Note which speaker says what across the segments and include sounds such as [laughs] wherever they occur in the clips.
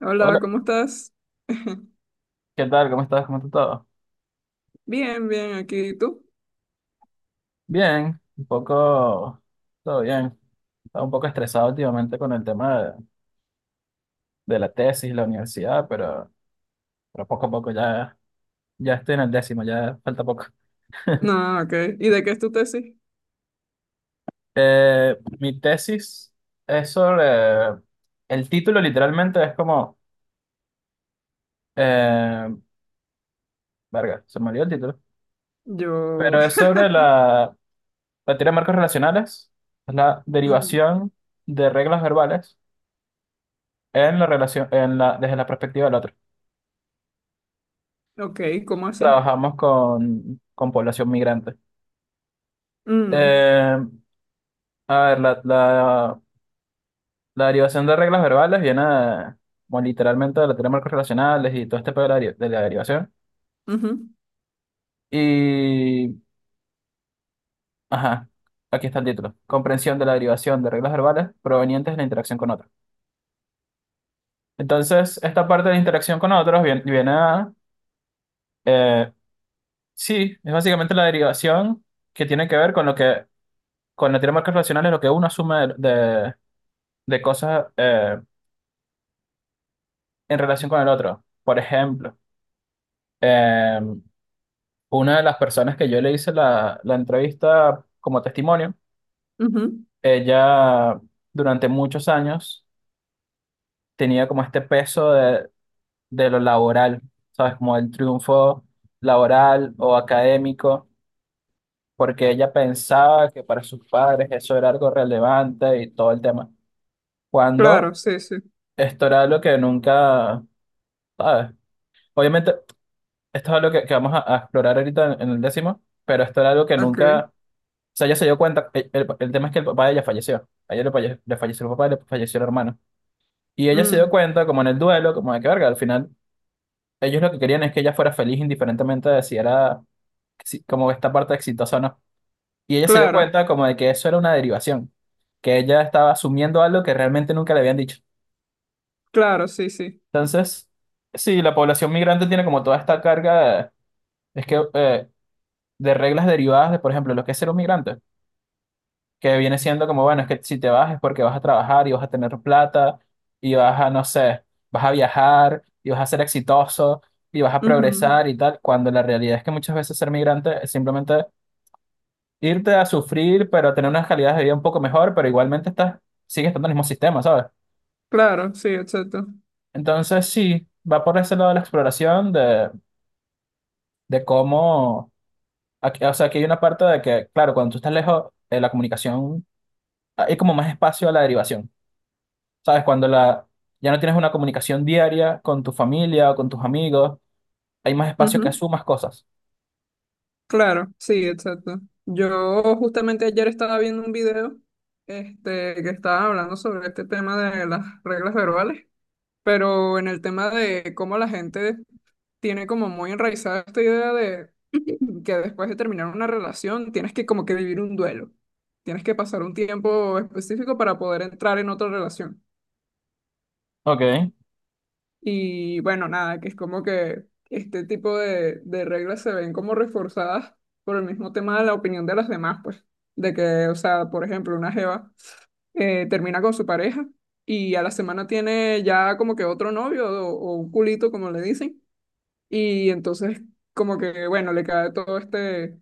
Speaker 1: Hola,
Speaker 2: Hola,
Speaker 1: ¿cómo estás? [laughs]
Speaker 2: ¿qué tal? ¿Cómo estás? ¿Cómo está todo?
Speaker 1: Bien, bien, aquí. ¿Y tú?
Speaker 2: Bien, un poco, todo bien. Estaba un poco estresado últimamente con el tema de la tesis, la universidad, pero poco a poco ya, ya estoy en el décimo, ya falta poco.
Speaker 1: No, ok. ¿Y de qué es tu tesis?
Speaker 2: Mi tesis es sobre, el título literalmente es como, eh, verga, se me olvidó el título,
Speaker 1: Yo.
Speaker 2: pero es sobre
Speaker 1: [laughs]
Speaker 2: la teoría de marcos relacionales, la
Speaker 1: Mm,
Speaker 2: derivación de reglas verbales en la relación, en la, desde la perspectiva del otro.
Speaker 1: ok, ¿cómo así?
Speaker 2: Trabajamos con población migrante.
Speaker 1: Mm,
Speaker 2: Eh, a ver, la derivación de reglas verbales bueno, literalmente de la teoría de marcos relacionales y todo este pedo de de la derivación.
Speaker 1: ujú,
Speaker 2: Y, ajá, aquí está el título. Comprensión de la derivación de reglas verbales provenientes de la interacción con otros. Entonces, esta parte de la interacción con otros viene, viene a, eh, sí, es básicamente la derivación que tiene que ver con lo que, con la teoría de marcos relacionales, lo que uno asume de cosas. En relación con el otro. Por ejemplo, eh, una de las personas que yo le hice la entrevista como testimonio,
Speaker 1: ujú.
Speaker 2: ella durante muchos años tenía como este peso de lo laboral, ¿sabes? Como el triunfo laboral o académico, porque ella pensaba que para sus padres eso era algo relevante y todo el tema. Cuando
Speaker 1: Claro, sí, sí.
Speaker 2: esto era algo que nunca, ¿sabes? Obviamente, esto es algo que vamos a explorar ahorita en el décimo, pero esto era algo que
Speaker 1: Ok.
Speaker 2: nunca. O sea, ella se dio cuenta, el tema es que el papá de ella falleció, a ella le, le falleció el papá y le falleció el hermano. Y ella se dio
Speaker 1: Mm,
Speaker 2: cuenta, como en el duelo, como de que verga, al final ellos lo que querían es que ella fuera feliz indiferentemente de si era como esta parte exitosa o no. Y ella se dio
Speaker 1: claro,
Speaker 2: cuenta como de que eso era una derivación, que ella estaba asumiendo algo que realmente nunca le habían dicho.
Speaker 1: claro, sí, sí.
Speaker 2: Entonces, sí, la población migrante tiene como toda esta carga de, es que, de reglas derivadas de, por ejemplo, lo que es ser un migrante. Que viene siendo como, bueno, es que si te vas es porque vas a trabajar y vas a tener plata y vas a, no sé, vas a viajar y vas a ser exitoso y vas a
Speaker 1: Ujú,
Speaker 2: progresar y tal, cuando la realidad es que muchas veces ser migrante es simplemente irte a sufrir, pero tener unas calidades de vida un poco mejor, pero igualmente estás, sigues estando en el mismo sistema, ¿sabes?
Speaker 1: claro, sí, exacto.
Speaker 2: Entonces sí, va por ese lado de la exploración de cómo, o sea, aquí hay una parte de que, claro, cuando tú estás lejos, la comunicación, ah, hay como más espacio a la derivación. ¿Sabes? Cuando ya no tienes una comunicación diaria con tu familia o con tus amigos, hay más espacio que
Speaker 1: Ujú,
Speaker 2: asumas cosas.
Speaker 1: claro, sí, exacto. Yo justamente ayer estaba viendo un video que estaba hablando sobre este tema de las reglas verbales, pero en el tema de cómo la gente tiene como muy enraizada esta idea de que después de terminar una relación tienes que como que vivir un duelo. Tienes que pasar un tiempo específico para poder entrar en otra relación.
Speaker 2: Ok,
Speaker 1: Y bueno, nada, que es como que este tipo de reglas se ven como reforzadas por el mismo tema de la opinión de las demás, pues. De que, o sea, por ejemplo, una jeva termina con su pareja y a la semana tiene ya como que otro novio o un culito, como le dicen. Y entonces como que, bueno, le cae todo este,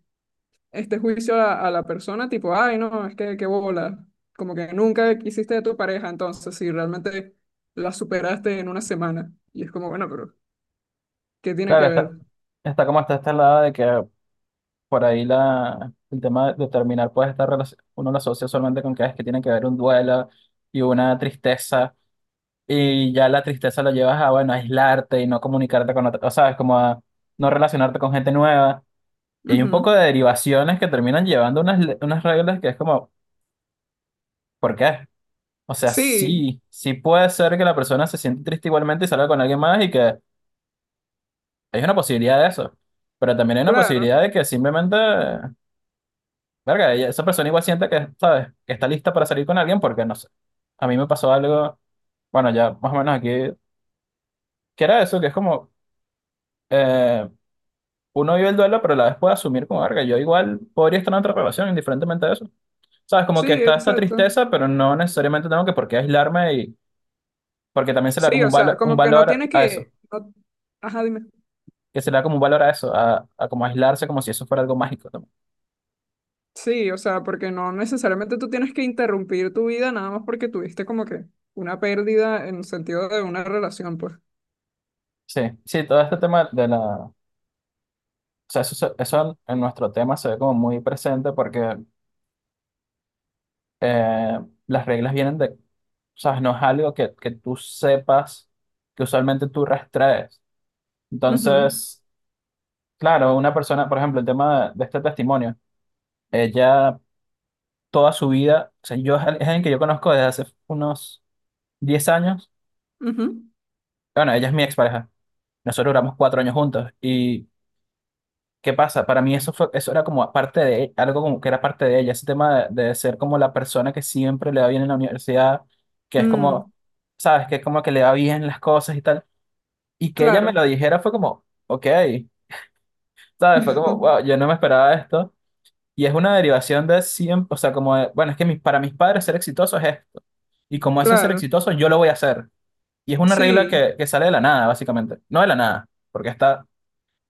Speaker 1: este juicio a la persona, tipo, ay, no, es que qué bola, como que nunca quisiste de tu pareja, entonces, si realmente la superaste en una semana, y es como, bueno, pero, ¿qué tiene
Speaker 2: claro,
Speaker 1: que ver?
Speaker 2: está, está como está esta lado de que por ahí el tema de terminar puede estar uno lo asocia solamente con que es que tiene que haber un duelo y una tristeza, y ya la tristeza la llevas a, bueno, aislarte y no comunicarte con otra, o sabes, como a no relacionarte con gente nueva. Y hay un poco
Speaker 1: Ujú.
Speaker 2: de derivaciones que terminan llevando unas, unas reglas que es como, ¿por qué? O sea,
Speaker 1: Sí,
Speaker 2: sí puede ser que la persona se siente triste igualmente y salga con alguien más y que hay una posibilidad de eso. Pero también hay una
Speaker 1: claro,
Speaker 2: posibilidad de que simplemente, verga, esa persona igual siente que, ¿sabes? Que está lista para salir con alguien porque, no sé, a mí me pasó algo, bueno, ya más o menos aquí, que era eso, que es como, eh, uno vive el duelo, pero a la vez puede asumir como, verga, yo igual podría estar en otra relación, indiferentemente de eso. ¿Sabes? Como que
Speaker 1: sí,
Speaker 2: está esta
Speaker 1: exacto.
Speaker 2: tristeza, pero no necesariamente tengo que por qué aislarme y porque también se le da
Speaker 1: Sí,
Speaker 2: como
Speaker 1: o
Speaker 2: un
Speaker 1: sea,
Speaker 2: un
Speaker 1: como que no
Speaker 2: valor
Speaker 1: tienes
Speaker 2: a eso.
Speaker 1: que, no- ajá, dime.
Speaker 2: Que se le da como un valor a eso, a como aislarse como si eso fuera algo mágico también.
Speaker 1: Sí, o sea, porque no necesariamente tú tienes que interrumpir tu vida nada más porque tuviste como que una pérdida en el sentido de una relación, pues.
Speaker 2: Sí, sí, todo este tema de la... O sea, eso, eso en nuestro tema se ve como muy presente porque eh, las reglas vienen de... Sabes, no es algo que tú sepas que usualmente tú rastrees.
Speaker 1: Ujú,
Speaker 2: Entonces, claro, una persona, por ejemplo, el tema de este testimonio, ella toda su vida, o sea, yo es alguien que yo conozco desde hace unos 10 años,
Speaker 1: ujú.
Speaker 2: bueno, ella es mi expareja, nosotros duramos 4 años juntos y ¿qué pasa? Para mí eso fue, eso era como parte de algo como que era parte de ella, ese tema de ser como la persona que siempre le va bien en la universidad, que es como,
Speaker 1: Mm,
Speaker 2: sabes, que es como que le va bien las cosas y tal, y que ella me
Speaker 1: claro.
Speaker 2: lo dijera fue como, ok, sabes, fue como, wow,
Speaker 1: [laughs]
Speaker 2: yo no me esperaba esto, y es una derivación de siempre, o sea, como, de, bueno, es que para mis padres ser exitoso es esto, y como eso es ser
Speaker 1: Claro,
Speaker 2: exitoso, yo lo voy a hacer, y es una regla
Speaker 1: sí.
Speaker 2: que sale de la nada, básicamente, no de la nada, porque está,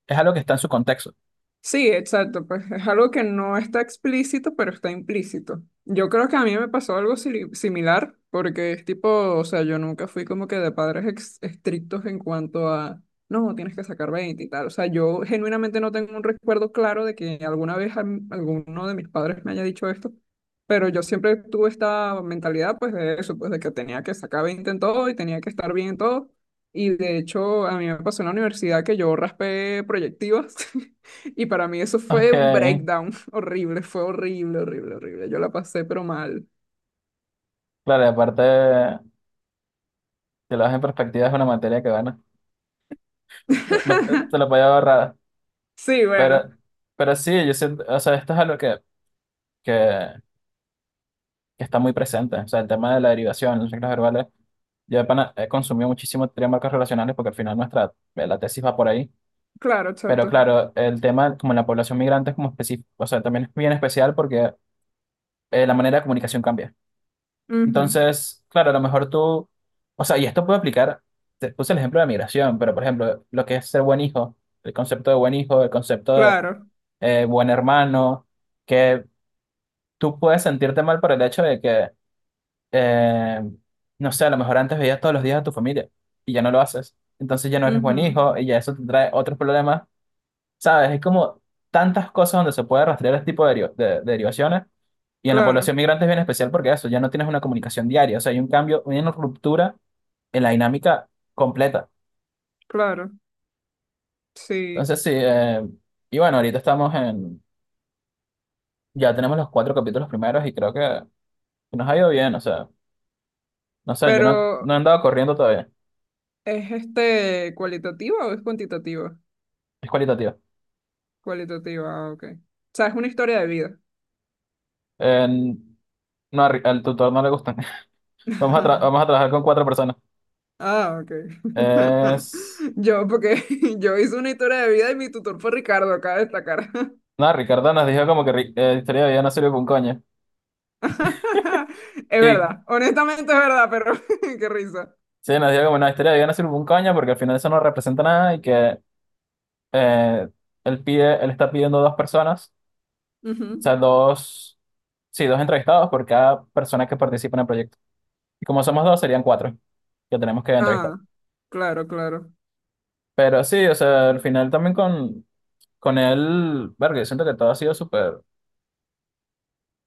Speaker 2: es algo que está en su contexto.
Speaker 1: Sí, exacto, pues es algo que no está explícito, pero está implícito. Yo creo que a mí me pasó algo sili- similar, porque es tipo, o sea, yo nunca fui como que de padres ex- estrictos en cuanto a, no, tienes que sacar 20 y tal. O sea, yo genuinamente no tengo un recuerdo claro de que alguna vez a m- alguno de mis padres me haya dicho esto, pero yo siempre tuve esta mentalidad, pues de eso, pues de que tenía que sacar 20 en todo y tenía que estar bien en todo. Y de hecho, a mí me pasó en la universidad que yo raspé proyectivas. [laughs] Y para mí eso
Speaker 2: Ok,
Speaker 1: fue un breakdown [laughs] horrible, fue horrible, horrible, horrible. Yo la pasé, pero mal.
Speaker 2: claro, y aparte. Si lo ves en perspectiva, es una materia que gana. Te lo
Speaker 1: [laughs]
Speaker 2: podía ahorrar.
Speaker 1: Sí, bueno,
Speaker 2: Pero, pero sí, yo siento, o sea, esto es algo que, que está muy presente. O sea, el tema de la derivación, las reglas verbales. Yo de pana he consumido muchísimo teoría de marcos relacionales porque al final nuestra, la tesis va por ahí.
Speaker 1: claro,
Speaker 2: Pero
Speaker 1: chato.
Speaker 2: claro, el tema como en la población migrante es como específico, o sea, también es bien especial porque la manera de comunicación cambia.
Speaker 1: Ujú,
Speaker 2: Entonces, claro, a lo mejor tú, o sea, y esto puede aplicar, te puse el ejemplo de migración, pero por ejemplo, lo que es ser buen hijo, el concepto de buen hijo, el concepto
Speaker 1: claro,
Speaker 2: buen hermano, que tú puedes sentirte mal por el hecho de que, eh, no sé, a lo mejor antes veías todos los días a tu familia y ya no lo haces. Entonces ya no eres buen
Speaker 1: ujú,
Speaker 2: hijo y ya eso te trae otros problemas, ¿sabes? Es como tantas cosas donde se puede rastrear este tipo de, de derivaciones. Y en la población
Speaker 1: claro,
Speaker 2: migrante es bien especial porque eso, ya no tienes una comunicación diaria, o sea, hay un cambio, una ruptura en la dinámica completa.
Speaker 1: claro, sí.
Speaker 2: Entonces, sí, y bueno, ahorita estamos en, ya tenemos los cuatro capítulos primeros y creo que nos ha ido bien, o sea. No sé, yo no, no
Speaker 1: Pero,
Speaker 2: he andado corriendo todavía.
Speaker 1: ¿es este cualitativo o es cuantitativo?
Speaker 2: Es cualitativa.
Speaker 1: Cualitativa, ah, ok. O sea, es una historia de vida.
Speaker 2: No, a al tutor no le gustan. [laughs] Vamos a, vamos a trabajar con 4 personas.
Speaker 1: Ah, ok.
Speaker 2: Es...
Speaker 1: [laughs] Yo, porque [laughs] yo hice una historia de vida y mi tutor fue Ricardo, acá de destacar.
Speaker 2: No, Ricardo nos dijo como que historia de vida no sirve para un coño.
Speaker 1: [laughs] Es
Speaker 2: Y
Speaker 1: verdad, honestamente es verdad, pero [laughs] qué risa.
Speaker 2: sí, nos dijo como, no, historia de vida no sirve para un coño porque al final eso no representa nada y que eh, él pide, él está pidiendo 2 personas, o
Speaker 1: Ujú.
Speaker 2: sea, dos, sí, 2 entrevistados por cada persona que participa en el proyecto. Y como somos dos, serían cuatro que tenemos que entrevistar.
Speaker 1: Ah, claro, claro,
Speaker 2: Pero sí, o sea, al final también con él, verga, yo siento que todo ha sido súper,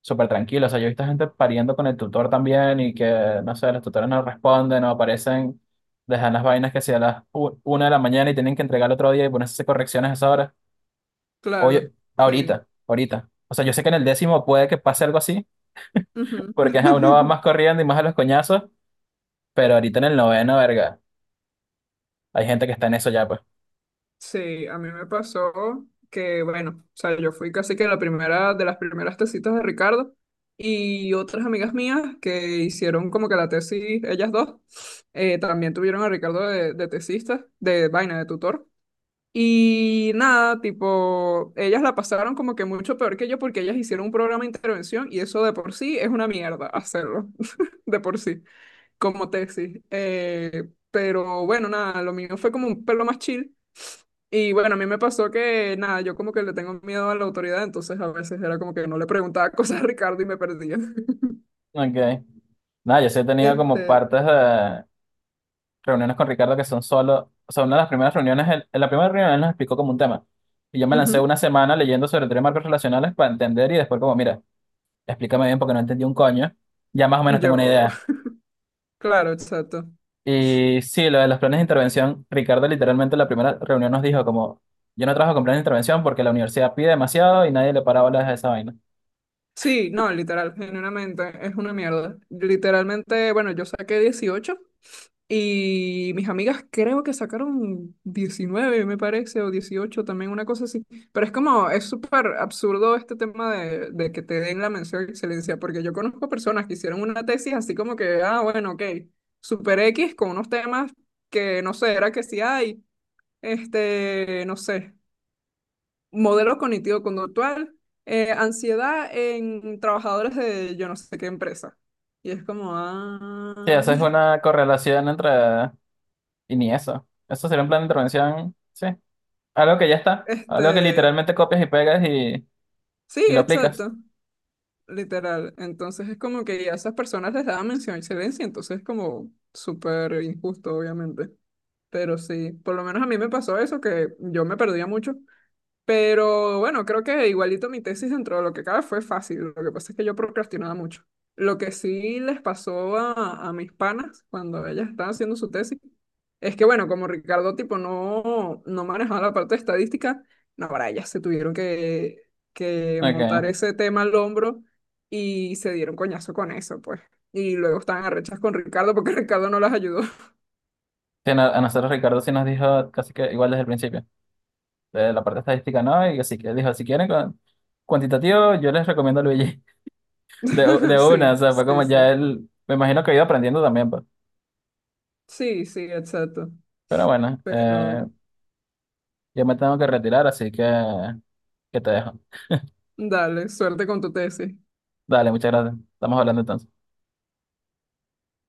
Speaker 2: súper tranquilo. O sea, yo he visto gente pariendo con el tutor también y que, no sé, los tutores no responden, no aparecen, dejan las vainas que sea a las una de la mañana y tienen que entregar el otro día y ponerse a hacer correcciones a esa hora.
Speaker 1: claro.
Speaker 2: Oye,
Speaker 1: Sí.
Speaker 2: ahorita, ahorita. O sea, yo sé que en el décimo puede que pase algo así,
Speaker 1: Ujú.
Speaker 2: porque ajá, uno va
Speaker 1: [laughs]
Speaker 2: más corriendo y más a los coñazos, pero ahorita en el noveno, verga, hay gente que está en eso ya, pues.
Speaker 1: Sí, a mí me pasó que, bueno, o sea, yo fui casi que la primera de las primeras tesitas de Ricardo y otras amigas mías que hicieron como que la tesis, ellas dos, también tuvieron a Ricardo de tesista, de vaina, de tutor. Y nada, tipo, ellas la pasaron como que mucho peor que yo porque ellas hicieron un programa de intervención y eso de por sí es una mierda hacerlo, [laughs] de por sí, como tesis. Pero bueno, nada, lo mío fue como un pelo más chill. Y bueno, a mí me pasó que nada, yo como que le tengo miedo a la autoridad, entonces a veces era como que no le preguntaba [laughs] cosas a Ricardo y me perdía. [laughs]
Speaker 2: Ok. Nada, yo sí he tenido como
Speaker 1: Este,
Speaker 2: partes de, reuniones con Ricardo que son solo, o sea, una de las primeras reuniones, en la primera reunión él nos explicó como un tema. Y yo me lancé
Speaker 1: ujú,
Speaker 2: una semana leyendo sobre teoría de marcos relacionales para entender y después como, mira, explícame bien porque no entendí un coño. Ya más o menos tengo una
Speaker 1: yo,
Speaker 2: idea.
Speaker 1: [laughs] claro, exacto.
Speaker 2: Y sí, lo de los planes de intervención, Ricardo literalmente en la primera reunión nos dijo como, yo no trabajo con planes de intervención porque la universidad pide demasiado y nadie le para bolas a esa vaina.
Speaker 1: Sí, no, literal, genuinamente es una mierda. Literalmente, bueno, yo saqué 18 y mis amigas creo que sacaron 19 me parece, o 18 también una cosa así. Pero es como, es súper absurdo este tema de que te den la mención de excelencia, porque yo conozco personas que hicieron una tesis así como que, ah, bueno, ok, super X con unos temas que no sé, era que si hay, no sé modelo cognitivo-conductual, ansiedad en trabajadores de yo no sé qué empresa. Y es como,
Speaker 2: Sí,
Speaker 1: ah,
Speaker 2: eso es
Speaker 1: [laughs]
Speaker 2: una correlación entre... Y ni eso. Eso sería un plan de intervención, sí. Algo que ya está. Algo que
Speaker 1: este,
Speaker 2: literalmente copias y pegas
Speaker 1: sí,
Speaker 2: y lo aplicas.
Speaker 1: exacto, literal. Entonces es como que a esas personas les daban mención a excelencia, entonces es como súper injusto, obviamente. Pero sí, por lo menos a mí me pasó eso, que yo me perdía mucho. Pero bueno, creo que igualito mi tesis dentro de lo que cabe fue fácil. Lo que pasa es que yo procrastinaba mucho. Lo que sí les pasó a mis panas cuando ellas estaban haciendo su tesis es que, bueno, como Ricardo tipo no, no manejaba la parte de estadística, no, para ellas se tuvieron que montar
Speaker 2: Ok.
Speaker 1: ese tema al hombro y se dieron coñazo con eso, pues. Y luego estaban arrechas con Ricardo porque [laughs] Ricardo no las ayudó.
Speaker 2: Sí, no- a nosotros Ricardo sí nos dijo casi que igual desde el principio, de la parte estadística no, y así que dijo, si quieren cuantitativo, yo les recomiendo a Luigi, [laughs] de,
Speaker 1: [laughs]
Speaker 2: de una, o
Speaker 1: Sí,
Speaker 2: sea, fue como
Speaker 1: sí, sí.
Speaker 2: ya él, me imagino que ha ido aprendiendo también, pues.
Speaker 1: Sí, sí, exacto.
Speaker 2: Pero bueno,
Speaker 1: Pero,
Speaker 2: yo me tengo que retirar, así que te dejo.
Speaker 1: dale, suerte con tu tesis.
Speaker 2: Dale, muchas gracias. Estamos hablando entonces.